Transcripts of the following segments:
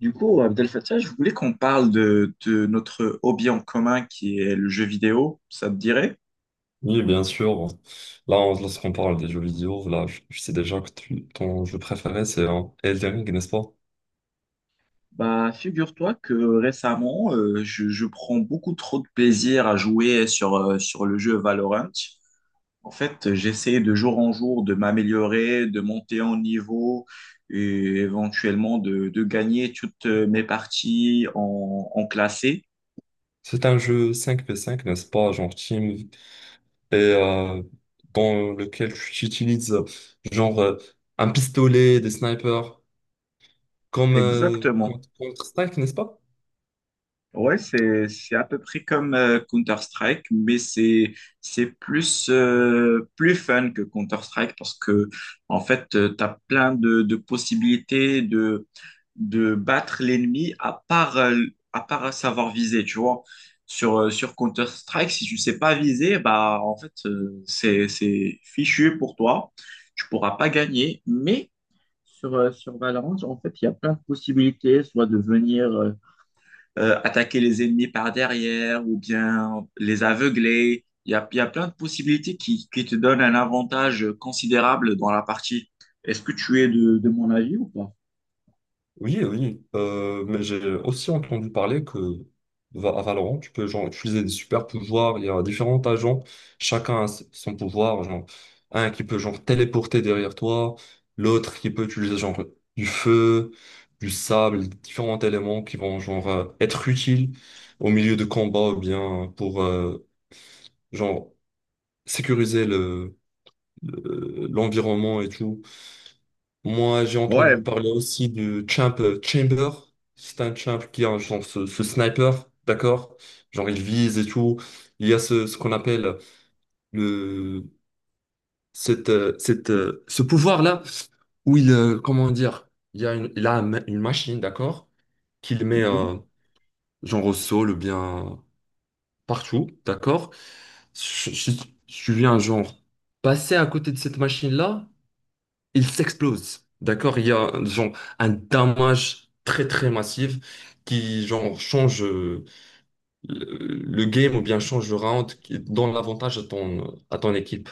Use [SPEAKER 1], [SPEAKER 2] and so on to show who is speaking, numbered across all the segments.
[SPEAKER 1] Du coup, Abdel Fattah, je voulais qu'on parle de notre hobby en commun qui est le jeu vidéo, ça te dirait?
[SPEAKER 2] Oui, bien sûr. Là, lorsqu'on parle des jeux vidéo, là, je sais déjà que ton jeu préféré, c'est Elden Ring, n'est-ce pas?
[SPEAKER 1] Bah, figure-toi que récemment, je prends beaucoup trop de plaisir à jouer sur le jeu Valorant. En fait, j'essaie de jour en jour de m'améliorer, de monter en niveau et éventuellement de gagner toutes mes parties en classé.
[SPEAKER 2] C'est un jeu 5v5, n'est-ce pas, genre team, et dans lequel tu utilises genre un pistolet, des snipers, comme
[SPEAKER 1] Exactement.
[SPEAKER 2] Counter-Strike, n'est-ce pas?
[SPEAKER 1] Ouais, c'est à peu près comme Counter-Strike, mais c'est plus plus fun que Counter-Strike parce que en fait, tu as plein de possibilités de battre l'ennemi à part savoir viser, tu vois. Sur sur Counter-Strike, si tu sais pas viser, bah en fait, c'est fichu pour toi. Tu pourras pas gagner, mais sur, sur Valorant, en fait, il y a plein de possibilités, soit de venir attaquer les ennemis par derrière ou bien les aveugler. Il y a plein de possibilités qui te donnent un avantage considérable dans la partie. Est-ce que tu es de mon avis ou pas?
[SPEAKER 2] Oui, oui, mais j'ai aussi entendu parler que à Valorant, tu peux genre, utiliser des super pouvoirs. Il y a différents agents, chacun a son pouvoir. Genre, un qui peut genre téléporter derrière toi, l'autre qui peut utiliser genre du feu, du sable, différents éléments qui vont genre être utiles au milieu de combats ou bien pour genre sécuriser l'environnement et tout. Moi, j'ai entendu
[SPEAKER 1] Ouais.
[SPEAKER 2] parler aussi de Champ Chamber. C'est un champ qui a genre ce sniper, d'accord? Genre il vise et tout. Il y a ce qu'on appelle le ce pouvoir-là où il comment dire? Il y a une, il a un ma- une machine, d'accord? Qu'il met
[SPEAKER 1] Mhm.
[SPEAKER 2] genre au sol ou bien partout, d'accord? Si si- si tu viens genre passer à côté de cette machine-là, il s'explose. D'accord? Il y a genre un damage très très massif qui genre change le, le game ou bien change le round qui donne l'avantage à ton équipe.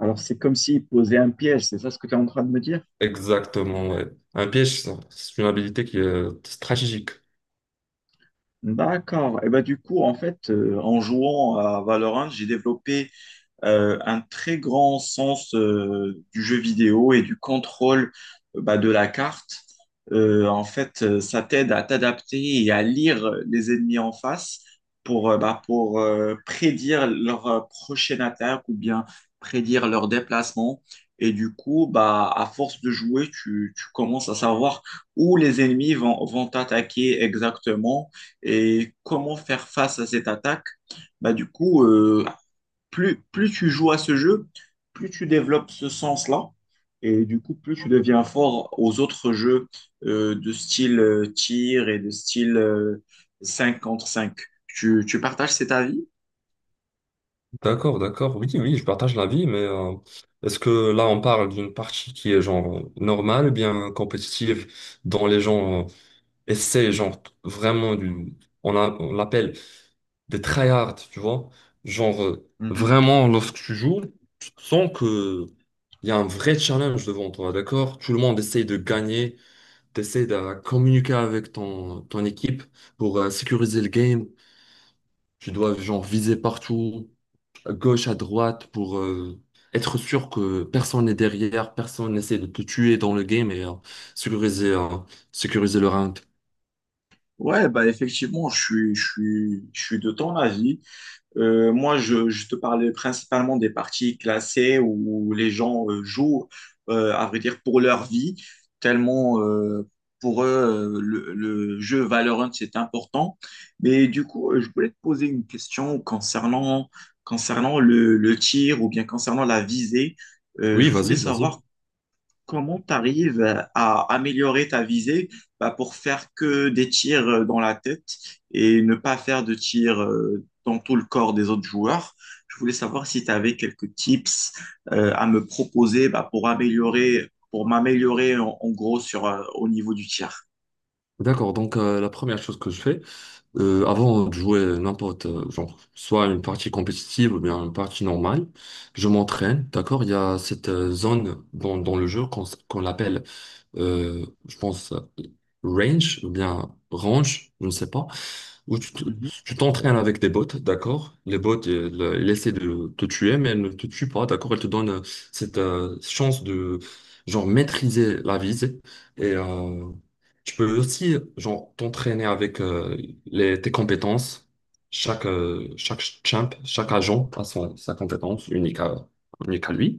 [SPEAKER 1] Alors, c'est comme s'il posait un piège, c'est ça ce que tu es en train de me dire?
[SPEAKER 2] Exactement, ouais. Un piège, ça, c'est une habilité qui est stratégique.
[SPEAKER 1] D'accord. Et ben du coup, en fait, en jouant à Valorant, j'ai développé un très grand sens du jeu vidéo et du contrôle bah, de la carte. En fait, ça t'aide à t'adapter et à lire les ennemis en face pour, bah, pour prédire leur prochaine attaque ou bien prédire leur déplacement. Et du coup, bah, à force de jouer, tu commences à savoir où les ennemis vont t'attaquer exactement et comment faire face à cette attaque. Bah, du coup, plus tu joues à ce jeu, plus tu développes ce sens-là. Et du coup, plus tu deviens fort aux autres jeux de style tir et de style 5 contre cinq. Tu partages cet avis?
[SPEAKER 2] D'accord, d'accord. Oui, oui, je partage l'avis, mais est-ce que là on parle d'une partie qui est genre normale, bien compétitive, dont les gens essaient genre vraiment on l'appelle des tryhards, tu vois. Genre,
[SPEAKER 1] Mhm.
[SPEAKER 2] vraiment, lorsque tu joues, tu sens que il y a un vrai challenge devant toi, d'accord? Tout le monde essaye de gagner, t'essayes de communiquer avec ton équipe pour sécuriser le game. Tu dois, genre, viser partout, à gauche, à droite, pour être sûr que personne n'est derrière, personne n'essaie de te tuer dans le game et sécuriser, euh, sécuriser le round.
[SPEAKER 1] Ouais, bah effectivement, je suis de ton avis. Moi, je te parlais principalement des parties classées où les gens jouent, à vrai dire, pour leur vie, tellement pour eux, le jeu Valorant, c'est important. Mais du coup, je voulais te poser une question concernant le tir ou bien concernant la visée.
[SPEAKER 2] Oui,
[SPEAKER 1] Je voulais
[SPEAKER 2] vas-y, vas-y.
[SPEAKER 1] savoir comment tu arrives à améliorer ta visée bah, pour faire que des tirs dans la tête et ne pas faire de tirs dans tout le corps des autres joueurs? Je voulais savoir si tu avais quelques tips à me proposer bah, pour améliorer, pour m'améliorer en gros sur, au niveau du tir.
[SPEAKER 2] D'accord, donc la première chose que je fais, avant de jouer n'importe, genre, soit une partie compétitive ou bien une partie normale, je m'entraîne, d'accord? Il y a cette zone dans le jeu qu'on qu'on l'appelle, je pense, range ou bien range, je ne sais pas où
[SPEAKER 1] Mhm.
[SPEAKER 2] tu t'entraînes avec des bots, d'accord? Les bots, elles essaient de te tuer, mais elles ne te tuent pas, d'accord? Elles te donnent cette chance de, genre, maîtriser la visée. Et tu peux aussi, genre, t'entraîner avec tes compétences. Chaque champ, chaque agent a sa compétence unique à lui.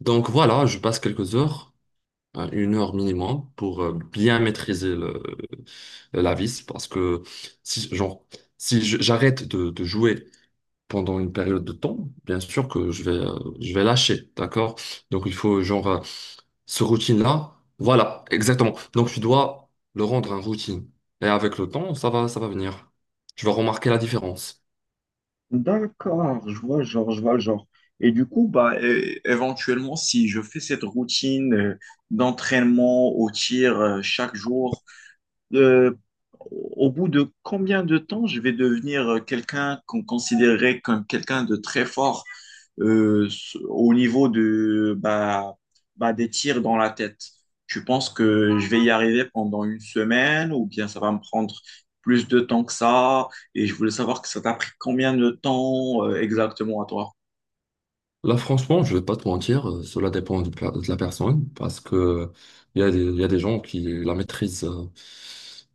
[SPEAKER 2] Donc voilà, je passe quelques heures hein, une heure minimum pour bien maîtriser la vis. Parce que si, genre, si j'arrête de jouer pendant une période de temps, bien sûr que je vais lâcher, d'accord? Donc il faut, genre, ce routine-là, voilà, exactement. Donc tu dois le rendre un routine. Et avec le temps, ça va venir. Tu vas remarquer la différence.
[SPEAKER 1] D'accord, je vois le genre, je vois le genre. Et du coup, bah, éventuellement, si je fais cette routine d'entraînement au tir chaque jour, euh, au bout de combien de temps je vais devenir quelqu'un qu'on considérait comme quelqu'un de très fort euh, au niveau de, bah, bah, des tirs dans la tête? Tu penses que je vais y arriver pendant une semaine ou bien ça va me prendre plus de temps que ça? Et je voulais savoir que ça t'a pris combien de temps exactement à toi?
[SPEAKER 2] Là, franchement, je vais pas te mentir, cela dépend de la personne parce que il y a des gens qui la maîtrisent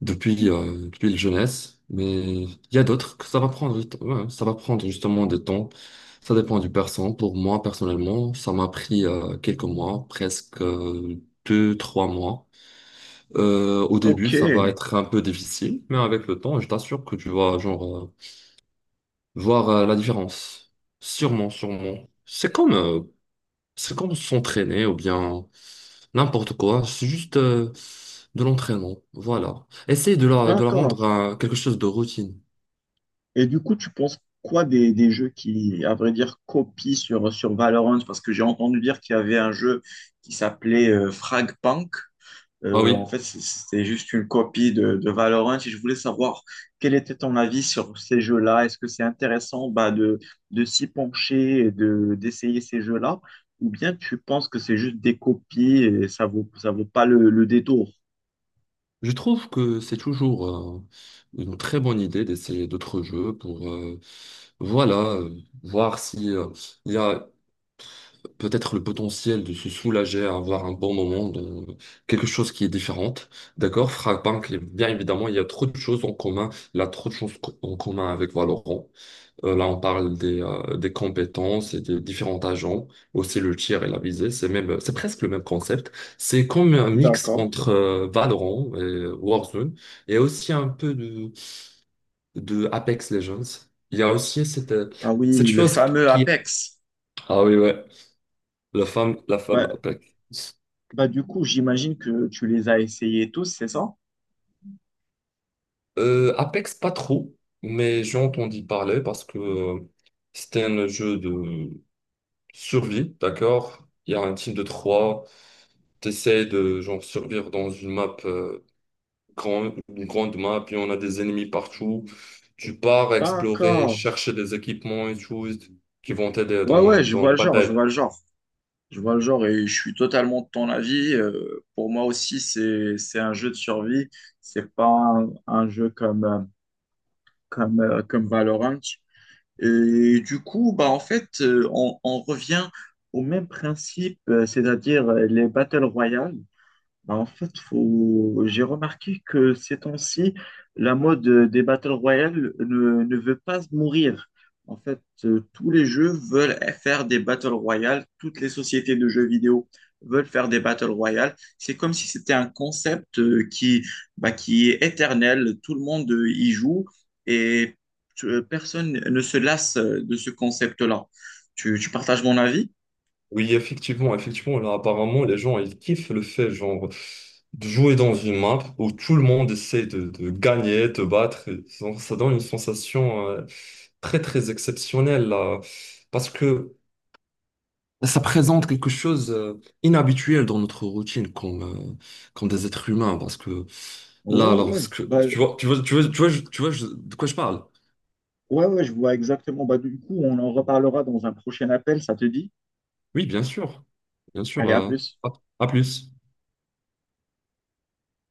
[SPEAKER 2] depuis la jeunesse, mais il y a d'autres que ça va prendre, du temps. Ouais, ça va prendre justement des temps. Ça dépend du personne. Pour moi, personnellement, ça m'a pris quelques mois, presque deux, trois mois. Au
[SPEAKER 1] Ok,
[SPEAKER 2] début, ça va être un peu difficile, mais avec le temps, je t'assure que tu vas genre voir la différence. Sûrement, sûrement. C'est comme s'entraîner ou bien n'importe quoi. C'est juste de l'entraînement. Voilà. Essaye de la rendre
[SPEAKER 1] d'accord.
[SPEAKER 2] à quelque chose de routine.
[SPEAKER 1] Et du coup, tu penses quoi des jeux qui, à vrai dire, copient sur Valorant? Parce que j'ai entendu dire qu'il y avait un jeu qui s'appelait Fragpunk.
[SPEAKER 2] Ah
[SPEAKER 1] En
[SPEAKER 2] oui,
[SPEAKER 1] fait, c'était juste une copie de Valorant. Et je voulais savoir quel était ton avis sur ces jeux-là. Est-ce que c'est intéressant bah, de s'y pencher et de, d'essayer ces jeux-là? Ou bien tu penses que c'est juste des copies et ça vaut pas le détour?
[SPEAKER 2] je trouve que c'est toujours euh, une très bonne idée d'essayer d'autres jeux pour voilà, voir si il y a peut-être le potentiel de se soulager, avoir un bon moment, dans quelque chose qui est différente. D'accord? Frappank, bien évidemment, il y a trop de choses en commun. Il y a trop de choses en commun avec Valorant. Là, on parle des compétences et des différents agents, aussi le tir et la visée. C'est même, c'est presque le même concept. C'est comme un mix
[SPEAKER 1] D'accord.
[SPEAKER 2] entre Valorant et Warzone et aussi un peu de Apex Legends. Il y a aussi cette, euh,
[SPEAKER 1] Ah
[SPEAKER 2] cette
[SPEAKER 1] oui, le
[SPEAKER 2] chose
[SPEAKER 1] fameux
[SPEAKER 2] qui.
[SPEAKER 1] Apex.
[SPEAKER 2] Ah oui, ouais, la femme
[SPEAKER 1] Bah,
[SPEAKER 2] Apex.
[SPEAKER 1] Du coup, j'imagine que tu les as essayés tous, c'est ça?
[SPEAKER 2] Apex, pas trop, mais j'ai entendu parler parce que c'était un jeu de survie, d'accord? Il y a un team de trois. T'essaies de genre survivre dans une map une grande map, puis on a des ennemis partout. Tu pars explorer,
[SPEAKER 1] D'accord.
[SPEAKER 2] chercher des équipements et choses qui vont t'aider
[SPEAKER 1] Ouais,
[SPEAKER 2] dans,
[SPEAKER 1] ouais,
[SPEAKER 2] euh,
[SPEAKER 1] je
[SPEAKER 2] dans
[SPEAKER 1] vois
[SPEAKER 2] les
[SPEAKER 1] le genre, je
[SPEAKER 2] batailles.
[SPEAKER 1] vois le genre. Je vois le genre et je suis totalement de ton avis. Pour moi aussi, c'est un jeu de survie. C'est pas un jeu comme, comme, comme Valorant. Et du coup, bah, en fait, on revient au même principe, c'est-à-dire les Battle Royale. Bah, en fait, faut... j'ai remarqué que ces temps-ci, la mode des Battle Royale ne veut pas mourir. En fait, tous les jeux veulent faire des Battle Royale, toutes les sociétés de jeux vidéo veulent faire des Battle Royale. C'est comme si c'était un concept qui, bah, qui est éternel, tout le monde y joue et personne ne se lasse de ce concept-là. Tu partages mon avis?
[SPEAKER 2] Oui, effectivement, effectivement, là apparemment les gens ils kiffent le fait genre de jouer dans une map où tout le monde essaie de gagner, de battre. Et ça ça donne une sensation très très exceptionnelle là. Parce que ça présente quelque chose inhabituel dans notre routine comme des êtres humains parce que
[SPEAKER 1] Ouais,
[SPEAKER 2] là
[SPEAKER 1] ouais.
[SPEAKER 2] lorsque
[SPEAKER 1] Bah,
[SPEAKER 2] tu vois, de quoi je parle.
[SPEAKER 1] ouais, ouais, je vois exactement. Bah, du coup, on en reparlera dans un prochain appel, ça te dit?
[SPEAKER 2] Oui, bien sûr. Bien sûr
[SPEAKER 1] Allez, à plus.
[SPEAKER 2] à, à plus.